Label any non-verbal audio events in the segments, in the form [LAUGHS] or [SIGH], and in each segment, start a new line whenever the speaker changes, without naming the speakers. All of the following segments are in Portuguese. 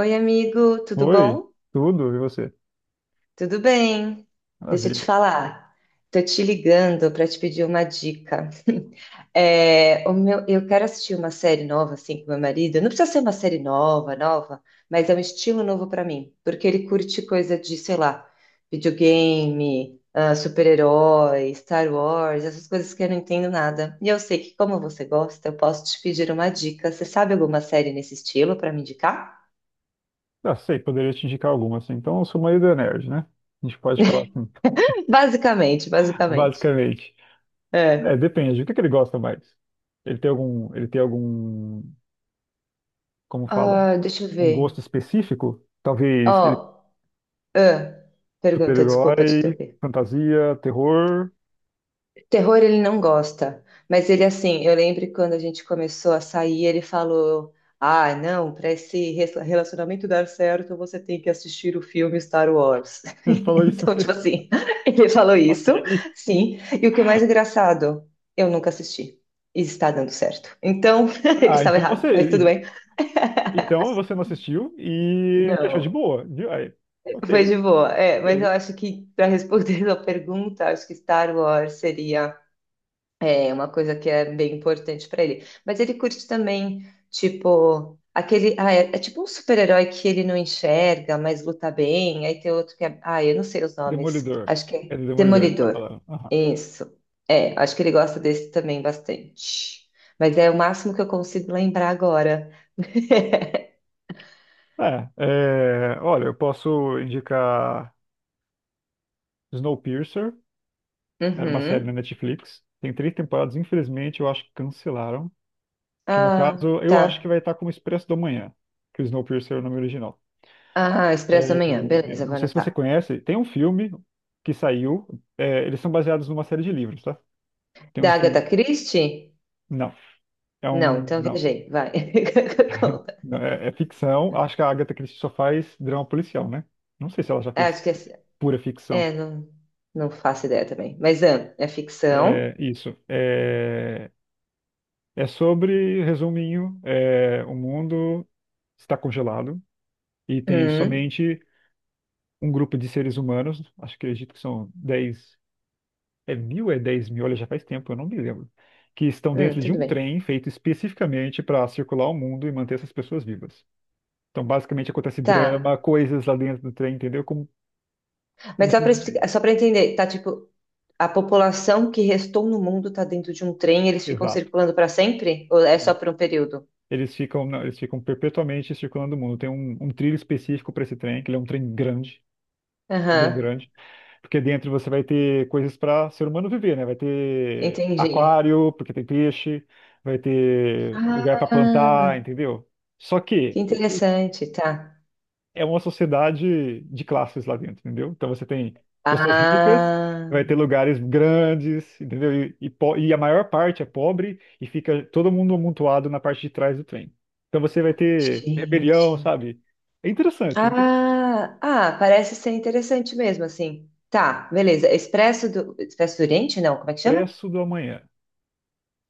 Oi, amigo, tudo
Oi,
bom?
tudo, e você?
Tudo bem? Deixa eu te
Maravilha.
falar. Tô te ligando para te pedir uma dica. [LAUGHS] Eu quero assistir uma série nova assim com meu marido. Não precisa ser uma série nova, nova, mas é um estilo novo para mim, porque ele curte coisa de, sei lá, videogame, super-herói, Star Wars, essas coisas que eu não entendo nada. E eu sei que como você gosta, eu posso te pedir uma dica. Você sabe alguma série nesse estilo para me indicar?
Ah, sei, poderia te indicar alguma, assim. Então, eu sou meio do nerd, né? A gente pode falar assim,
Basicamente,
[LAUGHS]
basicamente.
basicamente. É,
É.
depende, o que ele gosta mais? Ele tem algum, como fala,
Ah, deixa eu
um gosto
ver.
específico? Talvez ele
Ó, ah, pergunta, desculpa te
super-herói,
interromper.
fantasia, terror. [LAUGHS]
Terror ele não gosta, mas ele assim, eu lembro que quando a gente começou a sair, ele falou: "Ah, não, para esse relacionamento dar certo, você tem que assistir o filme Star Wars". [LAUGHS]
Ele falou isso
Então, tipo
mesmo. [LAUGHS]
assim, [LAUGHS] ele falou
Ok.
isso, sim. E o que é mais engraçado, eu nunca assisti. E está dando certo. Então, [LAUGHS] ele
Ah,
estava
então você,
errado, mas tudo
e-
bem.
então você não assistiu e achou de
Não.
boa, viu? Aí,
Foi
ok,
de boa, é, mas eu
ok.
acho que para responder [LAUGHS] a pergunta, acho que Star Wars seria uma coisa que é bem importante para ele. Mas ele curte também, tipo, aquele. Ah, é, é tipo um super-herói que ele não enxerga, mas luta bem. Aí tem outro que é. Ah, eu não sei os nomes.
Demolidor.
Acho que é
É do Demolidor que tá
Demolidor.
falando.
Isso. É, acho que ele gosta desse também bastante. Mas é o máximo que eu consigo lembrar agora.
Olha, eu posso indicar Snowpiercer, era uma série na
Uhum.
Netflix, tem três temporadas, infelizmente eu acho que cancelaram, que no
Ah,
caso eu acho que
tá.
vai estar como Expresso do Manhã, que o Snowpiercer é o nome original.
Ah,
É,
Expresso da Manhã. Beleza,
não
vou
sei se você
anotar.
conhece, tem um filme que saiu, é, eles são baseados numa série de livros, tá? Tem um
Da Agatha
filme,
Christie?
não, é
Não,
um,
então
não,
viajei, vai. [LAUGHS] Conta.
não, é, é ficção, acho que a Agatha Christie só faz drama policial, né? Não sei se ela já
É,
fez
acho que é,
pura
é,
ficção.
não, não faço ideia também. Mas ah, é
É,
ficção.
isso. É, é sobre, resuminho, é, o mundo está congelado e tem
Hum,
somente um grupo de seres humanos, acho que acredito que são 10, é mil, é 10 mil, olha, já faz tempo, eu não me lembro, que estão dentro de
tudo
um
bem.
trem feito especificamente para circular o mundo e manter essas pessoas vivas. Então, basicamente, acontece
Tá.
drama, coisas lá dentro do trem, entendeu? Como
Mas só para explicar,
isso
só para entender, tá tipo, a população que restou no mundo tá dentro de um trem, eles ficam
exato.
circulando para sempre? Ou é só
Sim.
por um período?
Eles ficam perpetuamente circulando o mundo. Tem um trilho específico para esse trem, que ele é um trem grande. Bem
Aham,
grande. Porque dentro você vai ter coisas para ser humano viver, né? Vai ter
entendi.
aquário, porque tem peixe, vai ter lugar para plantar,
Ah,
entendeu? Só
que
que o-
interessante, tá.
É uma sociedade de classes lá dentro, entendeu? Então você tem pessoas ricas,
Ah,
vai ter lugares grandes, entendeu? E a maior parte é pobre e fica todo mundo amontoado na parte de trás do trem. Então você vai ter rebelião,
gente.
sabe? É interessante, é interessante.
Ah, ah, parece ser interessante mesmo, assim. Tá, beleza. Expresso do Oriente? Não, como é que chama?
Expresso do amanhã.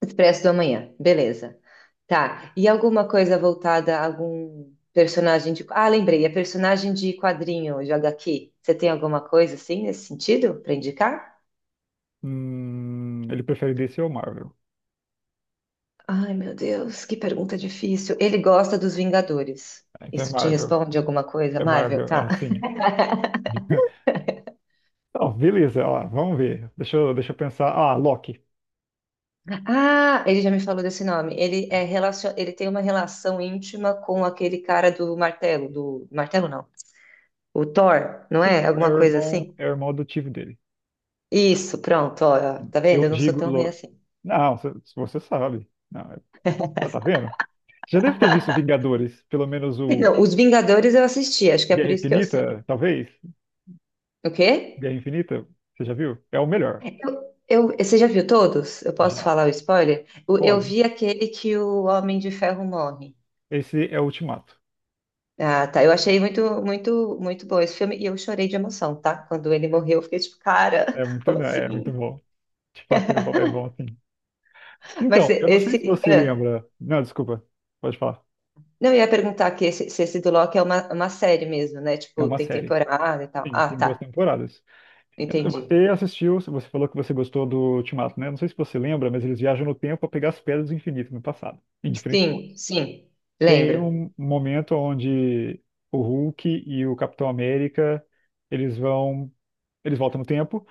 Expresso do Amanhã. Beleza. Tá. E alguma coisa voltada a algum personagem de. Ah, lembrei, é personagem de quadrinho, de HQ. Você tem alguma coisa assim nesse sentido para indicar?
Ele prefere DC ou Marvel?
Ai, meu Deus, que pergunta difícil. Ele gosta dos Vingadores.
Ah, então é
Isso te
Marvel.
responde alguma coisa,
É
Marvel?
Marvel,
Tá.
ah, sim. [LAUGHS] Não, beleza, ó, vamos ver. Deixa eu pensar. Ah, Loki.
Ah, ele já me falou desse nome. Ele é relacion... ele tem uma relação íntima com aquele cara do martelo não. O Thor, não
Sim,
é?
é
Alguma
o
coisa
irmão,
assim?
é o irmão adotivo dele.
Isso, pronto, ó, tá vendo?
Eu
Eu não sou
digo.
tão ruim assim.
Não, se você sabe. Não, é- Tá, tá vendo? Já deve ter visto Vingadores, pelo menos o
Não, Os Vingadores eu assisti, acho que é
Guerra
por isso que eu sei.
Infinita, talvez.
O quê?
Guerra Infinita, você já viu? É o melhor.
Você já viu todos? Eu posso
Já.
falar o spoiler? Eu
Pode.
vi aquele que o Homem de Ferro morre.
Esse é o Ultimato.
Ah, tá. Eu achei muito, muito, muito bom esse filme e eu chorei de emoção, tá? Quando ele morreu, eu fiquei tipo, cara,
É
[LAUGHS]
muito,
como
é muito
assim?
bom. De fato, é bom assim.
Mas
Então, eu não sei se
esse.
você lembra. Não, desculpa, pode falar.
Não, eu ia perguntar aqui se esse do Loki é uma série mesmo, né?
É
Tipo,
uma
tem
série.
temporada e tal.
Sim,
Ah,
tem duas
tá.
temporadas. Você
Entendi.
assistiu, você falou que você gostou do Ultimato, né? Não sei se você lembra, mas eles viajam no tempo para pegar as pedras do infinito no passado, em diferentes
Sim,
pontos.
sim.
Tem
Lembro.
um momento onde o Hulk e o Capitão América, eles vão, eles voltam no tempo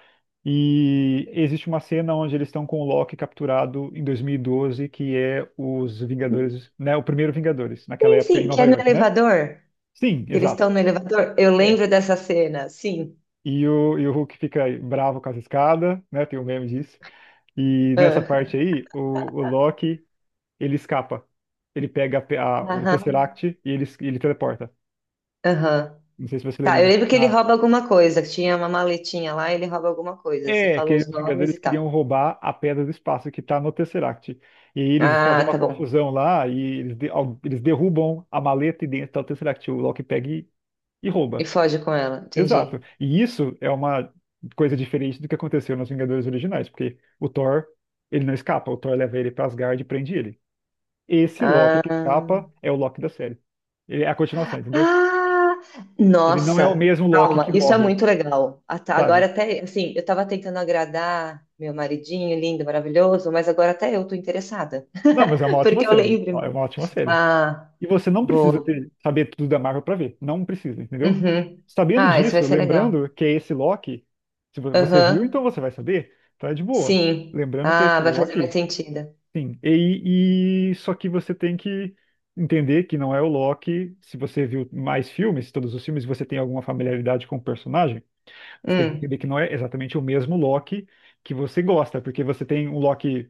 e existe uma cena onde eles estão com o Loki capturado em 2012, que é os Vingadores, né? O primeiro Vingadores, naquela
Sim,
época em
sim, que
Nova
é no
York, né?
elevador.
Sim,
Que eles
exato.
estão no elevador. Eu
É.
lembro dessa cena, sim.
E o Hulk fica bravo com as escadas, né? Tem um meme disso. E nessa parte
Ah,
aí, o Loki, ele escapa. Ele pega o
aham,
Tesseract e ele teleporta.
aham.
Não sei se você
Tá,
lembra
eu
disso.
lembro que ele
Tá?
rouba alguma coisa. Que Tinha uma maletinha lá e ele rouba alguma coisa. Você
É,
falou
que
os
os
nomes
Vingadores
e tal.
queriam roubar a Pedra do Espaço que tá no Tesseract. E aí eles fazem
Ah,
uma
tá bom.
confusão lá e eles derrubam a maleta e dentro tá o Tesseract. O Loki pega e rouba.
E foge com ela,
Exato.
entendi.
E isso é uma coisa diferente do que aconteceu nos Vingadores originais, porque o Thor, ele não escapa, o Thor leva ele pra Asgard e prende ele. Esse Loki
Ah.
que escapa é o Loki da série. Ele é a continuação, entendeu?
Ah,
Ele não é o
nossa,
mesmo Loki
calma,
que
isso é
morre,
muito legal. Até- Agora
sabe?
até, assim, eu tava tentando agradar meu maridinho lindo, maravilhoso, mas agora até eu tô interessada.
Não, mas é uma
[LAUGHS]
ótima
Porque eu
série. É
lembro.
uma ótima série.
Ah,
E você não precisa
boa.
saber tudo da Marvel pra ver. Não precisa, entendeu?
Uhum.
Sabendo
Ah, isso vai
disso,
ser legal.
lembrando que é esse Loki, se você viu,
Aham,
então você vai saber. Então é de boa.
sim.
Lembrando que é
Ah,
esse
vai fazer mais
Loki.
sentido.
Sim, só que você tem que entender que não é o Loki. Se você viu mais filmes, todos os filmes, e você tem alguma familiaridade com o personagem, você tem que
Hum.
entender que não é exatamente o mesmo Loki que você gosta, porque você tem um Loki,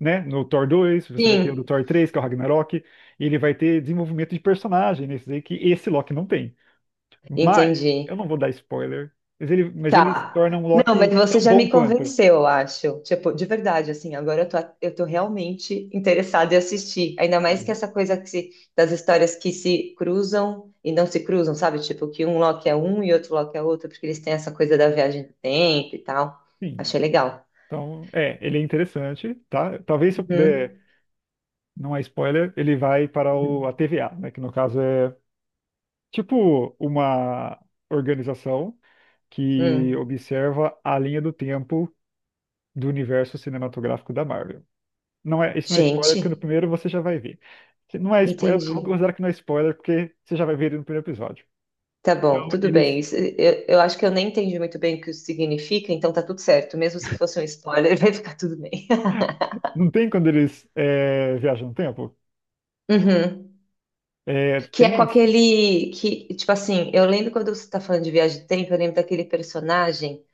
né, no Thor 2, você vai ter o do
Sim,
Thor 3, que é o Ragnarok, e ele vai ter desenvolvimento de personagem nesses aí que esse Loki não tem. Mas
entendi.
eu não vou dar spoiler, mas ele se
Tá.
torna um
Não, mas
Loki
você
tão
já
bom
me
quanto.
convenceu, eu acho. Tipo, de verdade, assim, agora eu tô realmente interessada em assistir. Ainda
Não,
mais
mas
que
é-
essa coisa que se- das histórias que se cruzam e não se cruzam, sabe? Tipo, que um Loki é um e outro Loki é outro, porque eles têm essa coisa da viagem do tempo e tal.
Sim.
Achei legal.
Então, é, ele é interessante, tá? Talvez se eu puder,
Uhum,
não é spoiler, ele vai para o,
uhum,
a TVA, né? Que no caso é tipo uma organização que
uhum.
observa a linha do tempo do universo cinematográfico da Marvel. Não é, isso não é spoiler,
Gente,
porque no primeiro você já vai ver. Se não é spoiler, eu vou
entendi.
considerar que não é spoiler, porque você já vai ver ele no primeiro episódio.
Tá bom,
Então,
tudo
eles.
bem. Eu acho que eu nem entendi muito bem o que isso significa, então tá tudo certo. Mesmo se fosse um spoiler, [LAUGHS] vai ficar tudo bem.
Não tem quando eles é, viajam no tempo?
Uhum.
É,
Que
tem
é com aquele. Que, tipo assim, eu lembro quando você tá falando de viagem de tempo, eu lembro daquele personagem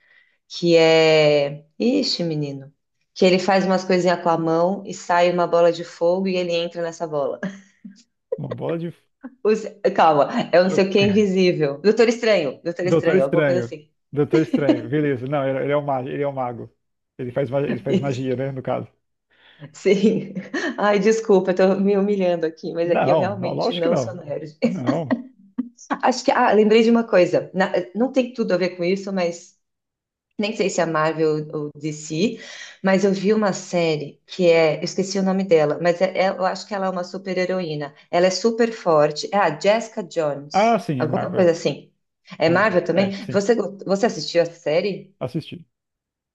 que é. Ixi, menino. Que ele faz umas coisinhas com a mão e sai uma bola de fogo e ele entra nessa bola.
uma bola de.
[LAUGHS] Os- Calma, é um não sei o que invisível. Doutor Estranho, Doutor
Doutor
Estranho, alguma coisa
Estranho.
assim.
Doutor Estranho, beleza. Não, ele é um mago, ele é um mago. Ele faz
Isso,
magia, né, no caso.
sim. [LAUGHS] Ai, desculpa, eu tô me humilhando aqui, mas aqui eu
Não, não,
realmente
lógico que
não sou
não.
nerd.
Não.
Acho que. Ah, lembrei de uma coisa. Na- Não tem tudo a ver com isso, mas. Nem sei se é Marvel ou DC, mas eu vi uma série que é. Eu esqueci o nome dela, mas eu acho que ela é uma super-heroína. Ela é super forte. É a Jessica
Ah,
Jones,
sim, é
alguma
Marvel.
coisa assim. É
É, Marvel.
Marvel
É,
também?
sim,
Você, você assistiu a série?
assisti.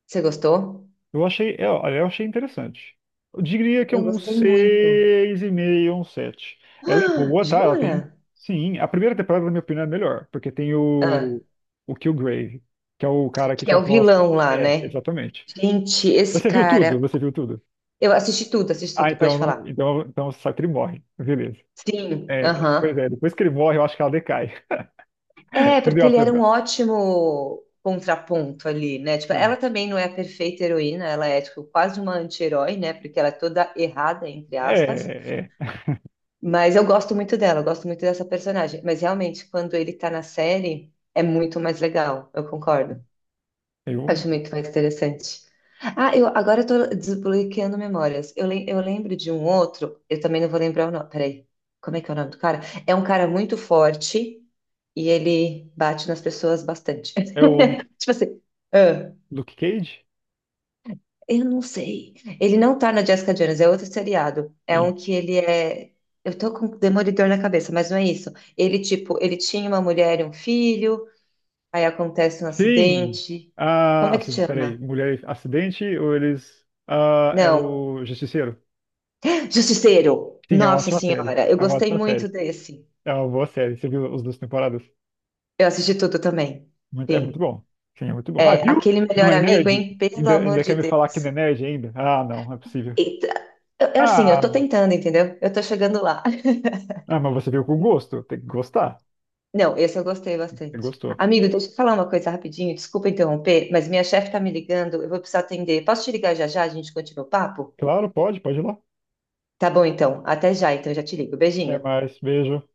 Você gostou?
Olha, eu achei interessante. Eu diria que é
Eu
um
gostei muito.
seis e meio um 7.
[GASPS]
Ela é
Ah,
boa, tá? Ela
jura?
tem. Sim, a primeira temporada, na minha opinião, é melhor, porque tem
Ah,
o Killgrave, que é o cara que
que é o
controla as.
vilão lá,
É,
né?
exatamente.
Gente, esse
Você viu tudo?
cara.
Você viu tudo?
Eu assisti
Ah,
tudo,
então,
pode
não-
falar.
então, então só que ele morre. Beleza.
Sim,
Pois é,
aham.
depois que ele morre, eu acho que ela decai. [LAUGHS]
É, porque ele era um
Entendeu?
ótimo contraponto ali, né? Tipo,
Sim.
ela também não é a perfeita heroína, ela é tipo, quase uma anti-herói, né? Porque ela é toda errada, entre aspas.
É, é.
Mas eu gosto muito dela, eu gosto muito dessa personagem. Mas realmente, quando ele tá na série, é muito mais legal, eu concordo.
É o,
Acho muito mais interessante. Ah, eu agora eu tô desbloqueando memórias. Eu lembro de um outro, eu também não vou lembrar o nome. Peraí, como é que é o nome do cara? É um cara muito forte e ele bate nas pessoas bastante.
é o
Tipo assim, ah,
Luke Cage?
eu não sei. Ele não tá na Jessica Jones, é outro seriado. É
Sim.
um que ele é. Eu tô com Demolidor na cabeça, mas não é isso. Ele, tipo, ele tinha uma mulher e um filho, aí acontece um
Sim.
acidente. Como é que
Peraí.
chama?
Mulher acidente ou eles. Ah, é
Não.
o Justiceiro?
[LAUGHS] Justiceiro!
Sim, é uma
Nossa
ótima série.
Senhora, eu
É uma
gostei
ótima
muito
série.
desse.
É uma boa série. Você viu as duas temporadas?
Eu assisti tudo também.
É muito
Sim.
bom. Sim, é muito bom. Ah,
É,
viu?
aquele
Não
melhor
é
amigo,
nerd?
hein? Pelo amor
Ainda quer
de
me falar que não é
Deus.
nerd ainda? Ah, não, não é possível.
Eita, é assim, eu tô
Ah.
tentando, entendeu? Eu tô chegando lá.
Ah, mas você veio com gosto. Tem que gostar.
Não, esse eu gostei
Você
bastante.
gostou.
Amigo, deixa eu falar uma coisa rapidinho, desculpa interromper, mas minha chefe tá me ligando, eu vou precisar atender. Posso te ligar já já? A gente continua o papo?
Claro, pode ir lá.
Tá bom, então. Até já, então já te ligo.
Até
Beijinho.
mais. Beijo.